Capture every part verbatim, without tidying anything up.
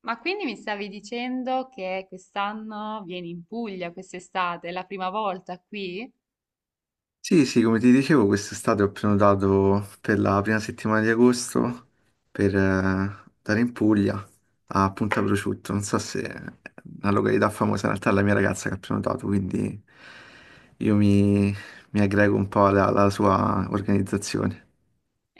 Ma quindi mi stavi dicendo che quest'anno vieni in Puglia, quest'estate, è la prima volta qui? Sì, sì, come ti dicevo, quest'estate ho prenotato per la prima settimana di agosto per eh, andare in Puglia a Punta Prosciutto. Non so se è una località famosa, in realtà è la mia ragazza che ha prenotato, quindi io mi, mi aggrego un po' alla, alla sua organizzazione.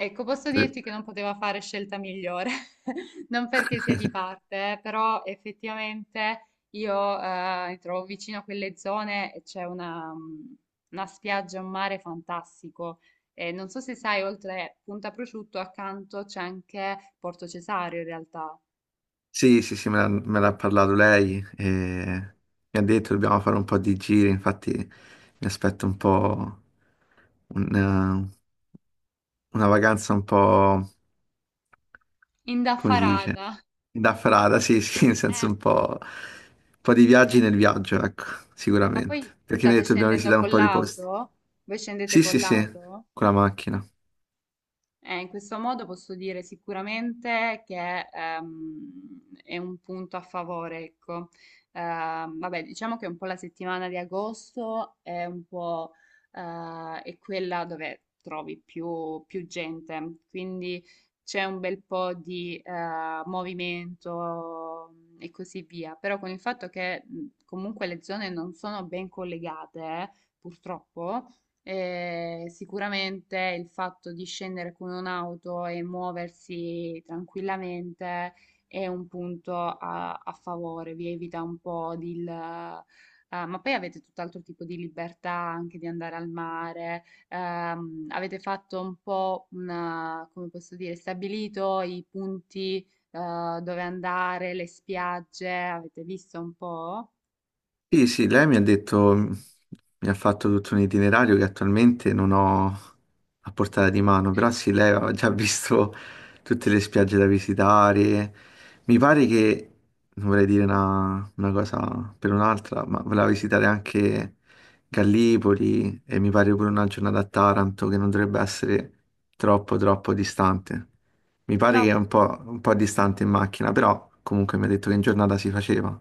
Ecco, posso Tre- dirti che non poteva fare scelta migliore, non perché sia di parte, eh, però effettivamente io eh, mi trovo vicino a quelle zone e c'è una, mm, una spiaggia, un mare fantastico. E non so se sai, oltre Punta Prosciutto, accanto c'è anche Porto Cesareo in realtà, Sì, sì, sì, me l'ha me l'ha parlato lei e mi ha detto dobbiamo fare un po' di giri, infatti mi aspetto un po' un, eh, una vacanza un po'. Come si dice? indaffarata. Da frada, sì, sì, nel senso Eh, un po', un po' di viaggi nel viaggio, ecco, Ma poi sicuramente. Perché mi hai state detto dobbiamo scendendo visitare un con po' di posti. l'auto? Voi scendete Sì, con sì, sì, l'auto? con la macchina. Eh, in questo modo posso dire sicuramente che ehm, è un punto a favore, ecco. Ehm, vabbè, diciamo che un po' la settimana di agosto è un po' eh, è quella dove trovi più, più gente, quindi c'è un bel po' di eh, movimento e così via. Però con il fatto che mh, comunque le zone non sono ben collegate, eh, purtroppo eh, sicuramente il fatto di scendere con un'auto e muoversi tranquillamente è un punto a, a favore, vi evita un po' di... il- eh, ma poi avete tutt'altro tipo di libertà anche di andare al mare, ehm, avete fatto un po' una, come posso dire, stabilito i punti, eh, dove andare, le spiagge, avete visto un po'? Sì, sì, lei mi ha detto, mi ha fatto tutto un itinerario che attualmente non ho a portata di mano, però sì, lei aveva già visto tutte le spiagge da visitare. Mi pare che, non vorrei dire una, una cosa per un'altra, ma voleva visitare anche Gallipoli e mi pare pure una giornata a Taranto che non dovrebbe essere troppo, troppo distante. Mi pare che No, è un po', un po' distante in macchina, però comunque mi ha detto che in giornata si faceva.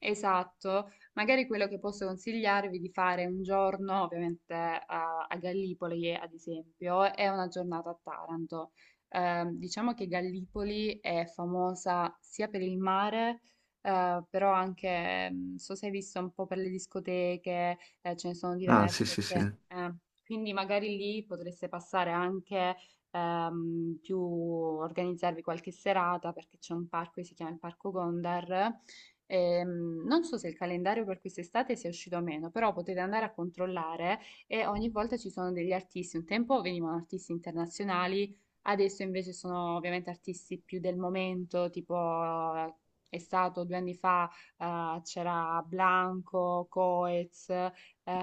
esatto, magari quello che posso consigliarvi di fare un giorno, ovviamente a, a Gallipoli, ad esempio, è una giornata a Taranto. Ehm, diciamo che Gallipoli è famosa sia per il mare, eh, però anche, mm, so se hai visto un po' per le discoteche, eh, ce ne sono Ah, sì, diverse, sì, sì. cioè, eh, quindi magari lì potreste passare anche ehm, più, organizzarvi qualche serata perché c'è un parco che si chiama il Parco Gondar. Ehm, non so se il calendario per quest'estate sia uscito o meno, però potete andare a controllare e ogni volta ci sono degli artisti. Un tempo venivano artisti internazionali, adesso invece sono ovviamente artisti più del momento, tipo eh, è stato due anni fa, eh, c'era Blanco, Coez,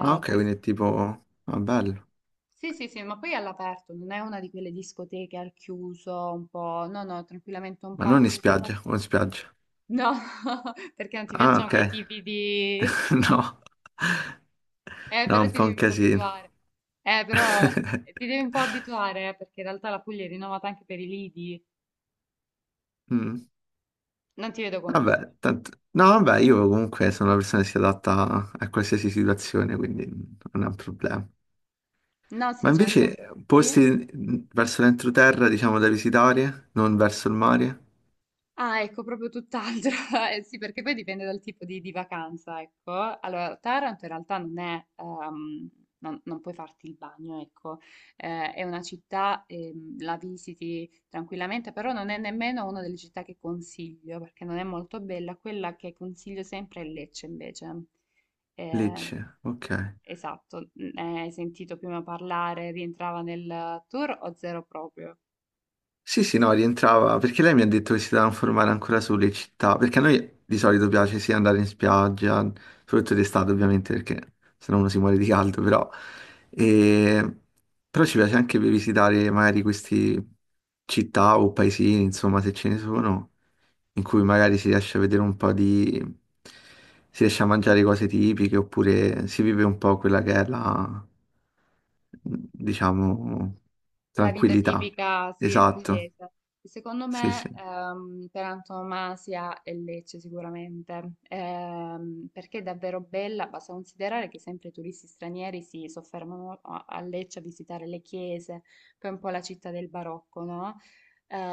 Ah, ok, quest- quindi è tipo... Ah, bello. sì, sì, sì, ma poi è all'aperto, non è una di quelle discoteche al chiuso, un po', no, no, tranquillamente un Ma non in parco enorme. spiaggia, o in spiaggia. No, perché non ti Ah, piacciono ok. quei tipi di... No. Eh, No, è però un ti po' devi un un po' casino. abituare. Eh, però eh, ti devi un po' abituare, eh, perché in realtà la Puglia è rinomata anche per i lidi. Mm. Non ti vedo convinto. Vabbè, tanto... No, vabbè, io comunque sono una persona che si adatta a qualsiasi situazione, quindi non è un problema. No, Ma sì, ce ne sono. invece Sì? posti verso l'entroterra, diciamo, da visitare, non verso il mare? Ah, ecco, proprio tutt'altro. Eh, sì, perché poi dipende dal tipo di, di vacanza, ecco. Allora, Taranto in realtà non è, ehm, non, non puoi farti il bagno, ecco. Eh, è una città, ehm, la visiti tranquillamente, però non è nemmeno una delle città che consiglio, perché non è molto bella. Quella che consiglio sempre è Lecce, invece. Lecce, Ehm, ok. esatto, n- hai sentito prima parlare, rientrava nel tour o zero proprio? Sì, sì, no, rientrava perché lei mi ha detto che si doveva informare ancora sulle città, perché a noi di solito piace sì andare in spiaggia, soprattutto d'estate ovviamente, perché sennò uno si muore di caldo, però, e- però ci piace anche per visitare magari queste città o paesini, insomma, se ce ne sono, in cui magari si riesce a vedere un po' di si riesce a mangiare cose tipiche oppure si vive un po' quella che è la, diciamo, La vita tranquillità. tipica, sì, è Esatto, pugliese. Secondo sì, sì. me, ehm, per antonomasia è Lecce sicuramente, ehm, perché è davvero bella. Basta considerare che sempre i turisti stranieri si soffermano a, a Lecce a visitare le chiese, poi è un po' la città del barocco, no?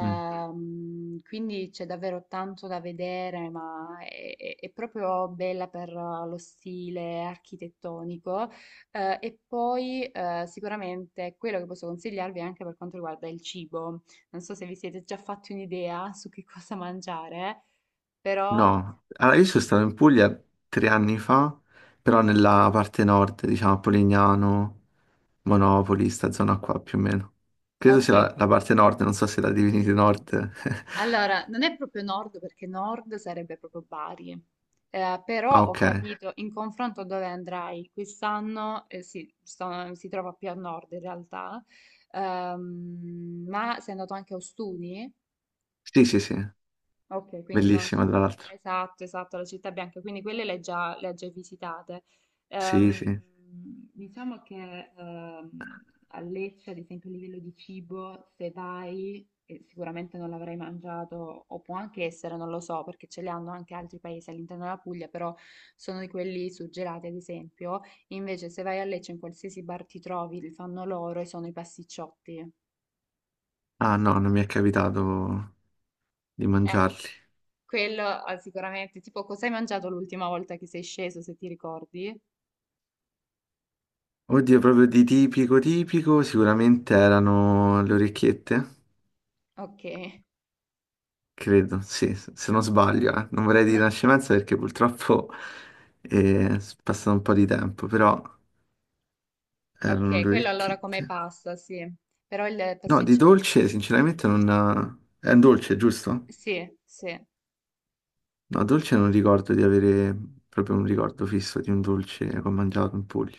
Mm. quindi c'è davvero tanto da vedere, ma è, è- è proprio bella per eh, lo stile architettonico. Eh, e poi eh, sicuramente quello che posso consigliarvi è anche per quanto riguarda il cibo. Non so se vi siete già fatti un'idea su che cosa mangiare, però No, allora io sono stato in Puglia tre anni fa, però nella parte nord, diciamo, a Polignano, Monopoli, sta zona qua più o meno. Credo ok. sia la, la parte nord, non so se la divinity nord. Allora, non è proprio nord perché nord sarebbe proprio Bari. Eh, Ah, però ho ok ok. capito in confronto dove andrai quest'anno, eh, sì, sto- si trova più a nord in realtà. Ehm, ma sei andato anche a Ostuni? Sì, sì, sì, Ok, quindi sono già... bellissima tra l'altro. Esatto, esatto, la città bianca, quindi quelle le hai già, le hai già visitate. Sì, Ehm, sì. diciamo che ehm, a Lecce, ad esempio, a livello di cibo, se vai, eh, sicuramente non l'avrai mangiato, o può anche essere, non lo so, perché ce li hanno anche altri paesi all'interno della Puglia, però sono di quelli suggelati, ad esempio. Invece, se vai a Lecce, in qualsiasi bar ti trovi, li fanno loro e sono i pasticciotti. Ah no, non mi è capitato di Eh, mangiarli. Quello ah, sicuramente, tipo cosa hai mangiato l'ultima volta che sei sceso, se ti ricordi? Oddio, proprio di tipico tipico, sicuramente erano le orecchiette, Ok, credo, sì, se non sbaglio, eh. Non vorrei dire nascimenza perché purtroppo è passato un po' di tempo, però erano ok, le quello allora come orecchiette. pasta, sì. Però il No, di pasticciotto? dolce sinceramente non... eh, È un dolce, giusto? Sì, sì. No, dolce non ricordo di avere proprio un ricordo fisso di un dolce che ho mangiato in Puglia.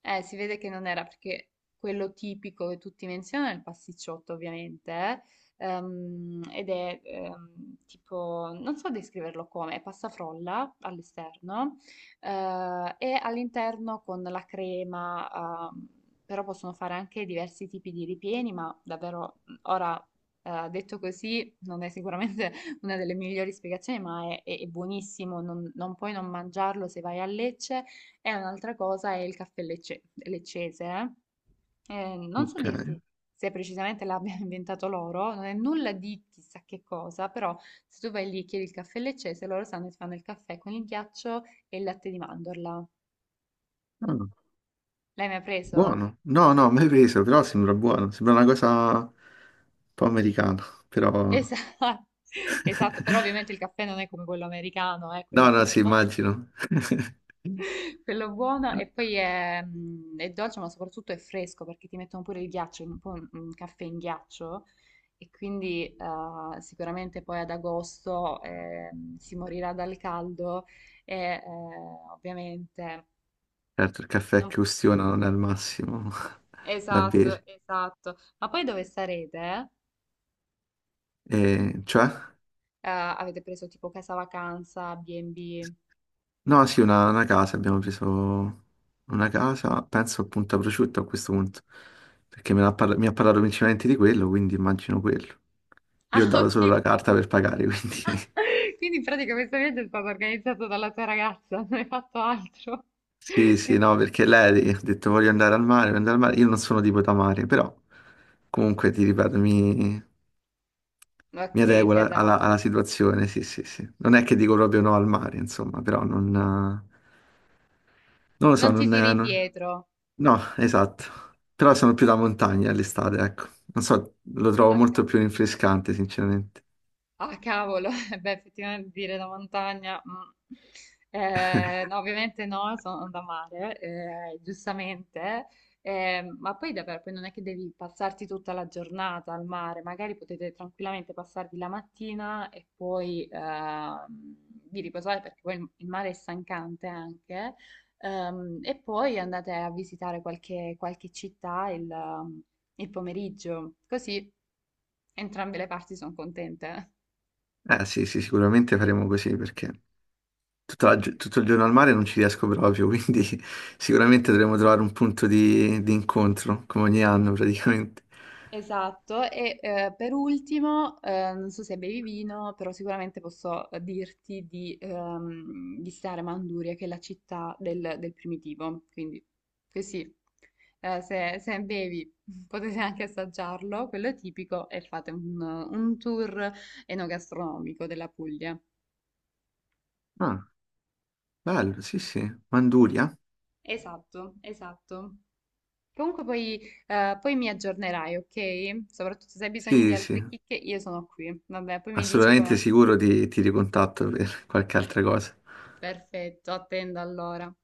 Eh, si vede che non era perché quello tipico che tutti menzionano è il pasticciotto, ovviamente, eh, ehm, ed è ehm, tipo, non so descriverlo come, è pasta frolla all'esterno eh, e all'interno con la crema, ehm, però possono fare anche diversi tipi di ripieni, ma davvero mhmm, ora eh, detto così non è sicuramente una delle migliori spiegazioni, ma è, è- è buonissimo, non, non puoi non mangiarlo se vai a Lecce, e un'altra cosa è il caffè lecce- leccese, eh. Eh, non so Ok. dirti se precisamente l'abbiano inventato loro, non è nulla di chissà che cosa, però se tu vai lì e chiedi il caffè leccese, loro sanno che ti fanno il caffè con il ghiaccio e il latte di mandorla. Ah. L'hai mai preso? Buono. No, no, mai preso, però sembra buono. Sembra una cosa un po' americana, però... Esatto. Esatto, però ovviamente il caffè non è come quello americano, è No, quello no, sì, buono. immagino. Quello buono e poi è, mm, è dolce, ma soprattutto è fresco perché ti mettono pure il ghiaccio, un po' un caffè in ghiaccio e quindi eh, sicuramente poi ad agosto eh, si morirà dal caldo e eh, ovviamente Certo, il caffè non- che ustiona non è il massimo da esatto, bere. esatto. Ma poi dove sarete? E, cioè? Eh, avete preso tipo casa vacanza, B and B? No, sì, una, una casa, abbiamo preso una casa, penso appunto a prosciutto a questo punto, perché me l'ha parla- mi ha parlato principalmente di quello, quindi immagino quello. Io ho Ah, dato solo ok. la carta per pagare, quindi... Quindi in pratica questo viaggio è stato organizzato dalla tua ragazza, non hai fatto altro. Sì, sì, Ti- no, perché lei ha detto voglio andare al mare, voglio andare al mare. Io non sono tipo da mare, però comunque ti ripeto, mi, mi ok, adeguo alla, figa. alla- alla situazione, sì, sì, sì. Non è che dico proprio no al mare, insomma, però non, eh, non lo so, Non ti non, tiri eh, non- indietro. No, esatto. Però sono più Ah, da montagna all'estate, ecco. Non so, lo trovo h. molto più rinfrescante, sinceramente. Ah, cavolo, eh beh, effettivamente dire da montagna, mm. Eh, no, ovviamente no, sono da mare, eh, giustamente. Eh, ma poi davvero, poi non è che devi passarti tutta la giornata al mare, magari potete tranquillamente passarvi la mattina e poi ehm, vi riposare perché poi il il mare è stancante anche. Ehm, e poi andate a visitare qualche, qualche città il il pomeriggio, così entrambe le parti sono contente. Eh sì, sì, sicuramente faremo così perché tutta la gio- tutto il giorno al mare non ci riesco proprio, quindi sicuramente dovremo trovare un punto di, di incontro, come ogni anno praticamente. Esatto, e eh, per ultimo, eh, non so se bevi vino, però sicuramente posso eh, dirti di ehm, visitare Manduria, che è la città del, del primitivo, quindi così, eh, se, se bevi potete anche assaggiarlo, quello è tipico, e fate un, un tour enogastronomico della Puglia. Ah, bello, sì, sì. Manduria? Esatto, esatto. Comunque poi, eh, poi mi aggiornerai, ok? Soprattutto se hai bisogno di Sì, sì, altre sì. chicche, io sono qui. Vabbè, poi mi dici Assolutamente com'è. sicuro ti, ti ricontatto per qualche altra cosa. Perfetto, attendo allora.